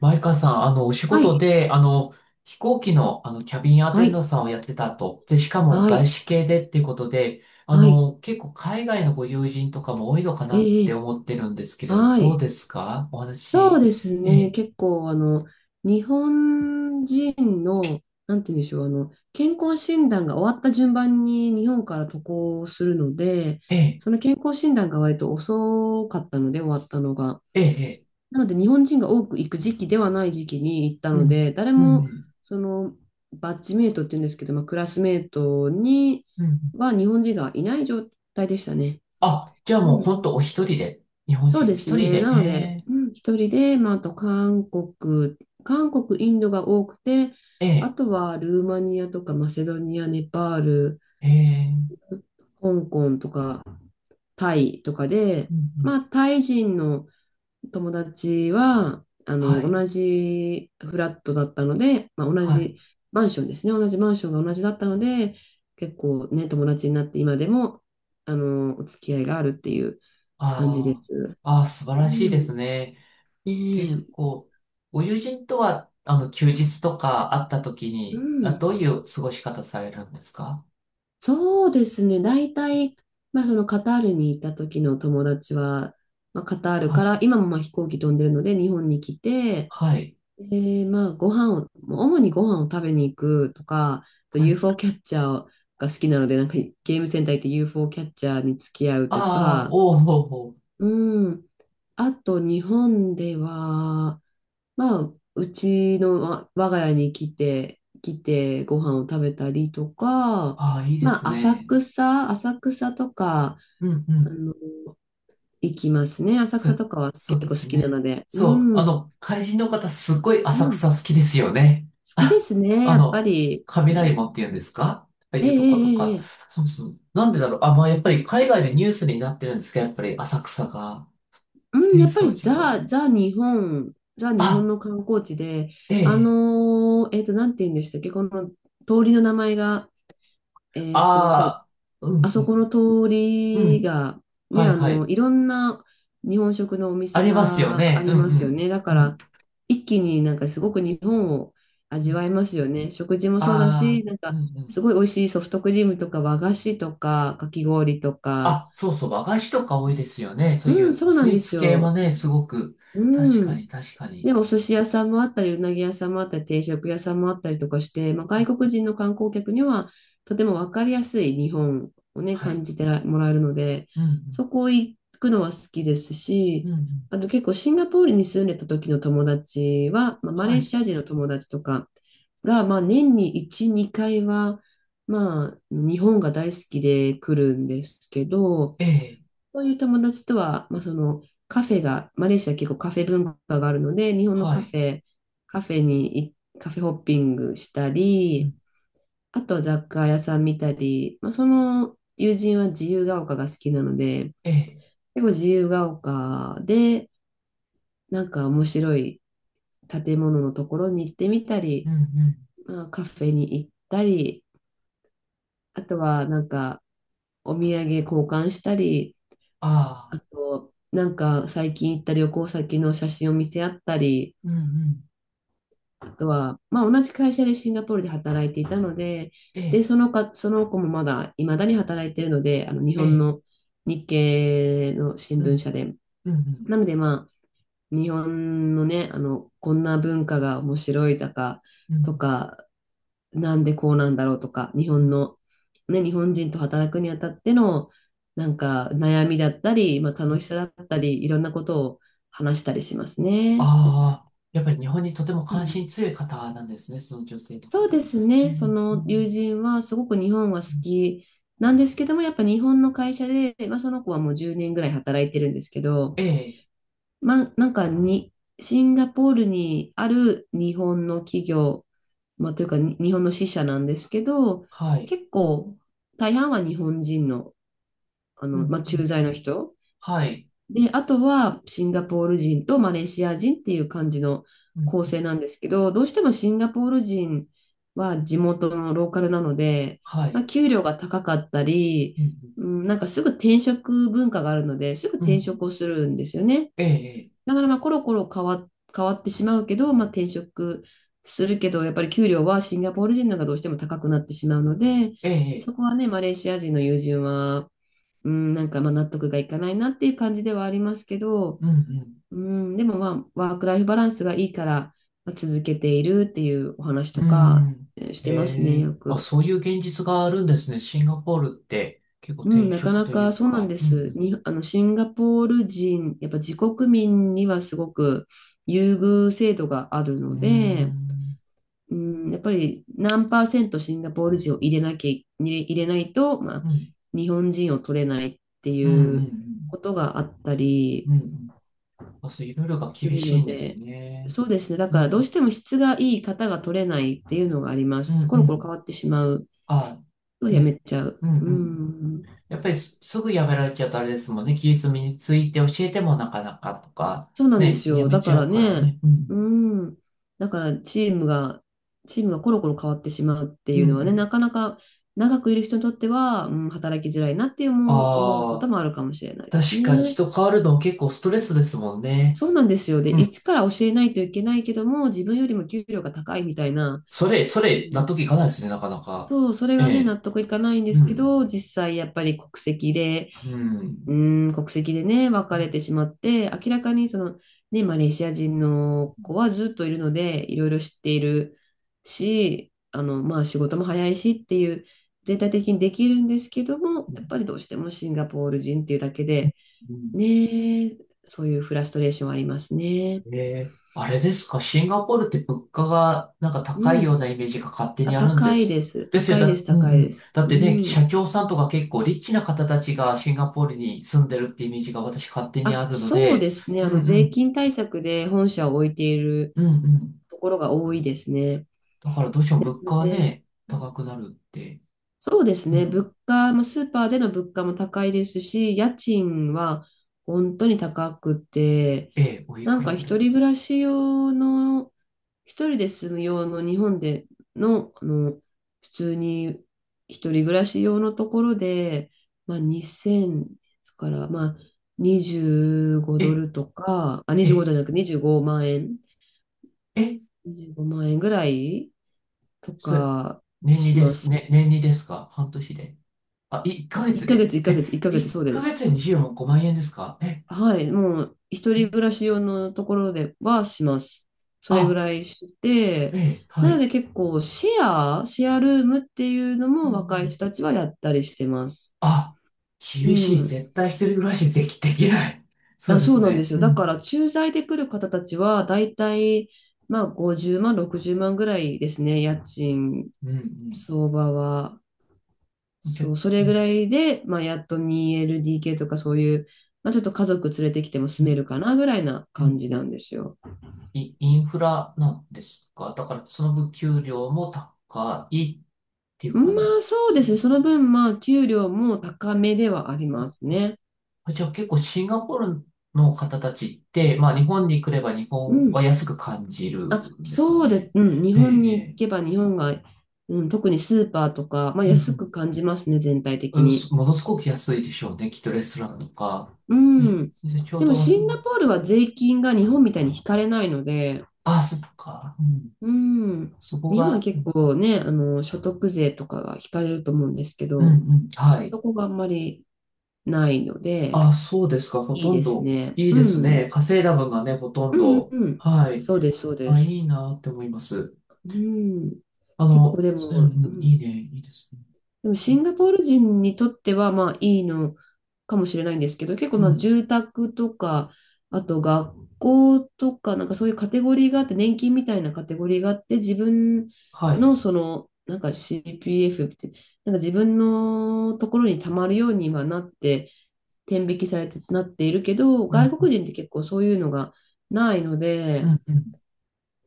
前川さん、お仕は事い、で、飛行機の、キャビンアはテンダンい、トさんをやってたと。で、しかもは外い、資系でっていうことで、はい、結構海外のご友人とかも多いのかなっえてえ、思ってるんですけれど、はどうい。ですかおそ話。うですえね、え、結構、日本人の、なんて言うんでしょう、健康診断が終わった順番に日本から渡航するので、ええ、その健康診断が割と遅かったので、終わったのが。ええ、ええ、なので、日本人が多く行く時期ではない時期に行ったうのん、で、誰うん、うも、ん。その、バッジメイトって言うんですけど、まあ、クラスメイトにうん、は日本人がいない状態でしたね。あ、じゃあうもうん、本当お一人で、日本そう人でおす一人ね。で、なので、えうん、一人で、まあ、あと韓国、インドが多くて、え、あえとはルーマニアとかマセドニア、ネパール、え、ええ、香港とかタイとかで、うん、うん。まあ、タイ人の友達は、はい、同じフラットだったので、まあ、同はい。じマンションですね。同じマンションが同じだったので、結構ね、友達になって今でも、お付き合いがあるっていう感じであす。あ、ああ、素晴うらしいでん。ねすね。結え、構、ご友人とは、休日とか会った時うに、あ、ん、どういう過ごし方されるんですか。そうですね。大体、まあ、そのカタールにいた時の友達は、まあ、カタールはからい。今もまあ飛行機飛んでるので日本に来て、はい。で、まあ、ご飯を、もう主にご飯を食べに行くとか、あと はい。UFO キャッチャーが好きなので、なんかゲームセンター行って UFO キャッチャーに付き合うあとあ、か、おーおー、おー、うん、あと日本では、まあ、うちの我が家に来てご飯を食べたりとか、ああ、いいですまあ、浅ね。草、浅草とか、うんうあん。の、行きますね。浅そ、草とかはそう結構で好すきなね。ので。うそう、ん、怪人の方、すっごいう浅ん。草好きですよね。好きであ、すね、あやっぱの、り。う雷ん、門って言うんですか、ああいええうとことええか。ええそうそう。なんでだろう。あ、まあ、やっぱり海外でニュースになってるんですけど、やっぱり浅草が、うん、浅やっぱ草り寺が。ザ日本あ、の観光地で、えええ、なんて言うんでしたっけ、この通りの名前が、えあっと、そあ、うあそこのん通うん。うりん。が、ね、はいはい。いろんな日本食のおあ店りますよがあね。うりんますよね。だかうん。うん。ら、一気になんかすごく日本をう味わん。えますよね。食事もあそうだし、あ、なんうか、んうすん。ごい美味しいソフトクリームとか和菓子とかかき氷とか。あ、そうそう。和菓子とか多いですよね。そういうん、うそうなスんイでーすツ系もよ。ね、すごく。う確かん。に確かに。で、お寿司屋さんもあったり、うなぎ屋さんもあったり、定食屋さんもあったりとかして、まあ、う外ん、国人の観光客にはとても分かりやすい日本をね、は感い。じてらもらえるので、うんそこ行くのは好きですうし、ん。うんうん。あと結構シンガポールに住んでた時の友達は、まあ、マレはーい。シア人の友達とかが、まあ、年に1、2回は、まあ、日本が大好きで来るんですけど、ええ。そういう友達とは、まあ、そのカフェが、マレーシア結構カフェ文化があるので、日本のはカい。フェ、カフェにい、カフェホッピングしたうん。り、あとは雑貨屋さん見たり、まあ、その友人は自由が丘が好きなので、ええ。結構自由が丘で、なんか面白い建物のところに行ってみたうり、んうん。まあ、カフェに行ったり、あとはなんかお土産交換したり、あああ。と、なんか最近行った旅行先の写真を見せ合ったり、うんうん。あとは、まあ同じ会社でシンガポールで働いていたので、えで、え。そのか、その子もまだ、未だに働いているので、あの日え本え。の日系の新う聞ん社で。うんうなん。のでまあ、日本のね、こんな文化が面白いだか、うとんか、なんでこうなんだろうとか、日う本ん。の、ね、日本人と働くにあたっての、なんか悩みだったり、まあ、楽しさだったり、いろんなことを話したりしますね。ああ、やっぱり日本にとてもう関心ん、強い方なんですね、その女性のそう方でも。すええ、ね。うその友ん人はすごく日本は好うん、きなんですけども、やっぱ日本の会社で、まあ、その子はもう10年ぐらい働いてるんですけど、ええ、ま、なんかに、シンガポールにある日本の企業、まあ、というかに日本の支社なんですけど、はい、結構大半は日本人の、うまん、あ、う駐ん、在の人。はい、で、あとはシンガポール人とマレーシア人っていう感じのうん、構成なんですけど、どうしてもシンガポール人は地元のローカルなので、はまあ、い、給料が高かったり、うん、うん、なんかすぐ転職文化があるので、すぐうん、うんう転ん、職をするんですよね。ええ、だからまあコロコロ変わってしまうけど、まあ、転職するけど、やっぱり給料はシンガポール人の方がどうしても高くなってしまうので、ええ、そえこえ、はね、マレーシア人の友人は、うん、なんかまあ納得がいかないなっていう感じではありますけど、うん、うん、でもまあ、ワークライフバランスがいいから、まあ、続けているっていうお話とうん、かうん。しえてますね、え、よあ、く。そういう現実があるんですね。シンガポールって結構う転ん、なか職なといかうそうなんか、でうす。ん、に、あの、シンガポール人、やっぱ自国民にはすごく優遇制度があるうん、のうーで、ん、うん、やっぱり何パーセントシンガポール人を入れないと、まあ、うん、日本人を取れないってうん、うん、ういん、ううん。ことがあったりうん、あ、そう、いろいろがす厳るしのいんですで、ね。そうですね。だかうらどうしん、ても質がいい方が取れないっていうのがありまうん、す。うん、コうロコロ変わん。ってしまうあ、とやめね。ちゃう。うんううん。ん。やっぱりすぐやめられちゃうとあれですもんね。技術身について教えてもなかなかとか、そうなんでね、すやよ。めだちかゃらうからね、ね。ううん。ん。だからチームがコロコロ変わってしまうってうんいううのはね、なん。かなか長くいる人にとっては、うん、働きづらいなって思うあことあ、もあるかもしれないです確かにね。人変わるの結構ストレスですもんね。そうなんですよ。で、うん。一から教えないといけないけども、自分よりも給料が高いみたいな、それ、そうれ、納ん、得いかないですね、なかなか。そう、それえがね、え。納得いかないんでうすけん。ど、実際やっぱり国籍で、ううん。ーん、国籍でね、別れてしまって、明らかにその、ね、マレーシア人の子はずっといるので、いろいろ知っているし、まあ仕事も早いしっていう、全体的にできるんですけども、やっぱりどうしてもシンガポール人っていうだけで、うん、ね、そういうフラストレーションはありますね。ええ、あれですか、シンガポールって物価がなんかう高いようん。なイメージが勝手あ、にあるんで高いです。す。ですよ、高いでだ、す、うん高ういでん。す。だっうてね、社ん。長さんとか結構リッチな方たちがシンガポールに住んでるってイメージが私勝手にああ、るのそうでで、すね。うんう税ん、金対策で本社を置いているうんうん。ところが多いですね。だからどうしても物節価は税。ね、高くなるって。そうですうね。ん。物価、まあ、スーパーでの物価も高いですし、家賃は本当に高くて、ええ、おいなくんからぐら一い、人暮らし用の、一人で住む用の日本での、普通に一人暮らし用のところで、まあ、2000から、まあ、25ドえ、ルとか、あ、25ドえ、ルじゃなく25万円、え、25万円ぐらいとそ、か年にしでます、す。ね、年にですか半年で。あ、1ヶ1月ヶ月、で。1え、ヶ月、1ヶ月、1そうでヶす。月で25万円ですか、え、はい、もう、一人暮え、らし用のところではします。それぐあ、らいしえて、え、はなのい。で結構、シェアルームっていうのうんもう若い人ん、たちはやったりしてます。あ、う厳しい。ん。絶対一人暮らしできない。そうあ、でそすうなんでね。すよ。うだかん、ら、駐在で来る方たちは、だいたい、まあ、50万、60万ぐらいですね、家賃うん、相場は。うん。そけ、う、そうれぐん、らいで、まあ、やっと 2LDK とかそういう、まあ、ちょっと家族連れてきてもう住めん、るかなぐらいなうん。感じなんですよ。インフラなんですか、だから、その分給料も高いっていうま感あ、そうですね。そじ。の分、まあ、給料も高めではありますね。あ、じゃあ結構シンガポールの方たちって、まあ日本に来れば日う本はん。安く感じるあ、んですかそうで、ね。うん。日ええ、本えに行え。けば、日本が、うん、特にスーパーとか、まあ、う安くん感じますね、全体う的ん、に。すものすごく安いでしょうね。きっとレストランとか。うね、ん。で、ちょうでも、ど、あ、シそ、ンガポールは税金が日本みたいに引かれないので、あそっか。うん。うん。そこ日本はが、う結ん、構ね、所得税とかが引かれると思うんですけうど、ん、はい。そこがあんまりないので、あ、そうですか。ほいいとんですど、ね。いいうですん。ね。稼いだ分がね、ほとんうんうんど。うん。はい。そうです、そうであ、いす。いなって思います。うん。あ結の、構でうも、んううん、ん、いいね、いいですね。でもそ、シンガポール人にとってはまあいいのかもしれないんですけど、結構うまあん。住宅とか、あと学校とか、なんかそういうカテゴリーがあって、年金みたいなカテゴリーがあって、自分はい。のその、なんか CPF って、なんか自分のところに貯まるようにはなって、天引きされてなっているけど、う外んうん。国人って結構そういうのがないのうで、んうん。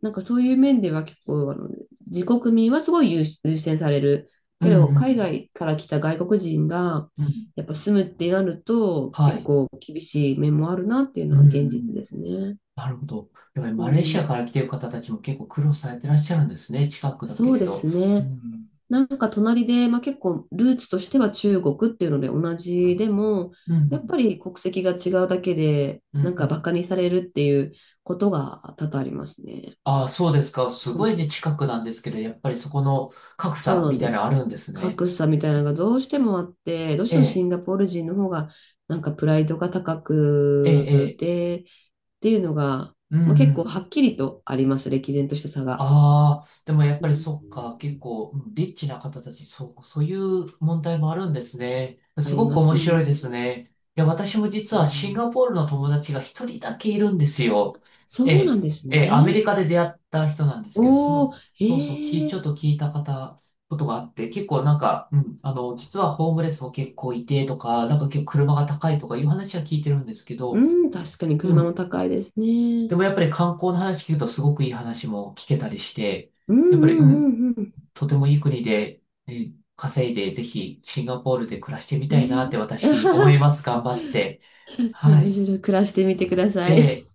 なんかそういう面では結構、自国民はすごい優先される、うんけうど、海ん。外から来た外国人が、うん。やっぱ住むってなると、は結い。構厳しい面もあるなっていううのんはう現実ん。ですね。なるほど。やっぱりうマレーシん、アから来てる方たちも結構苦労されてらっしゃるんですね。近くだけそうれでど。すうね。ん。なんか隣で、まあ、結構ルーツとしては中国っていうので同じでも、うんうやっぱん。り国籍が違うだけで、うんなんうかバん。カにされるっていうことが多々ありますね。ああ、そうですか。すうごいん、ね、近くなんですけど、やっぱりそこの格そう差なみんたでいなのあす。るんですね。格差みたいなのがどうしてもあって、どうしえてもシえ、ンガポール人の方がなんかプライドが高ええ、えくえ。てっていうのが、うんうまあ、結構はん。っきりとあります、歴然とした差が。ああ、でもやっうぱりそっか、結ん、構、うん、リッチな方たち、そう、そういう問題もあるんですね。あすりごくま面すね。白いですね。いや、私も実うはシンん、ガポールの友達が一人だけいるんですよ。えそうなえ、んですええ、アメね。リカで出会った人なんですけど、そおの、お、そうそう、き、ちえょっえ、と聞いた方、ことがあって、結構なんか、うん、実はホームレスも結構いてとか、なんか結構車が高いとかいう話は聞いてるんですけど、うん、確かにう車もん。高いですね。でもやっぱり観光の話聞くとすごくいい話も聞けたりして、うんやっぱり、うん、うんうんとてもいい国で、えー稼いで、ぜひシンガポールで暮らしてみたういなん。っね。て私思い ます。頑張って。は面い。白い。暮らしてみてくださえい。ー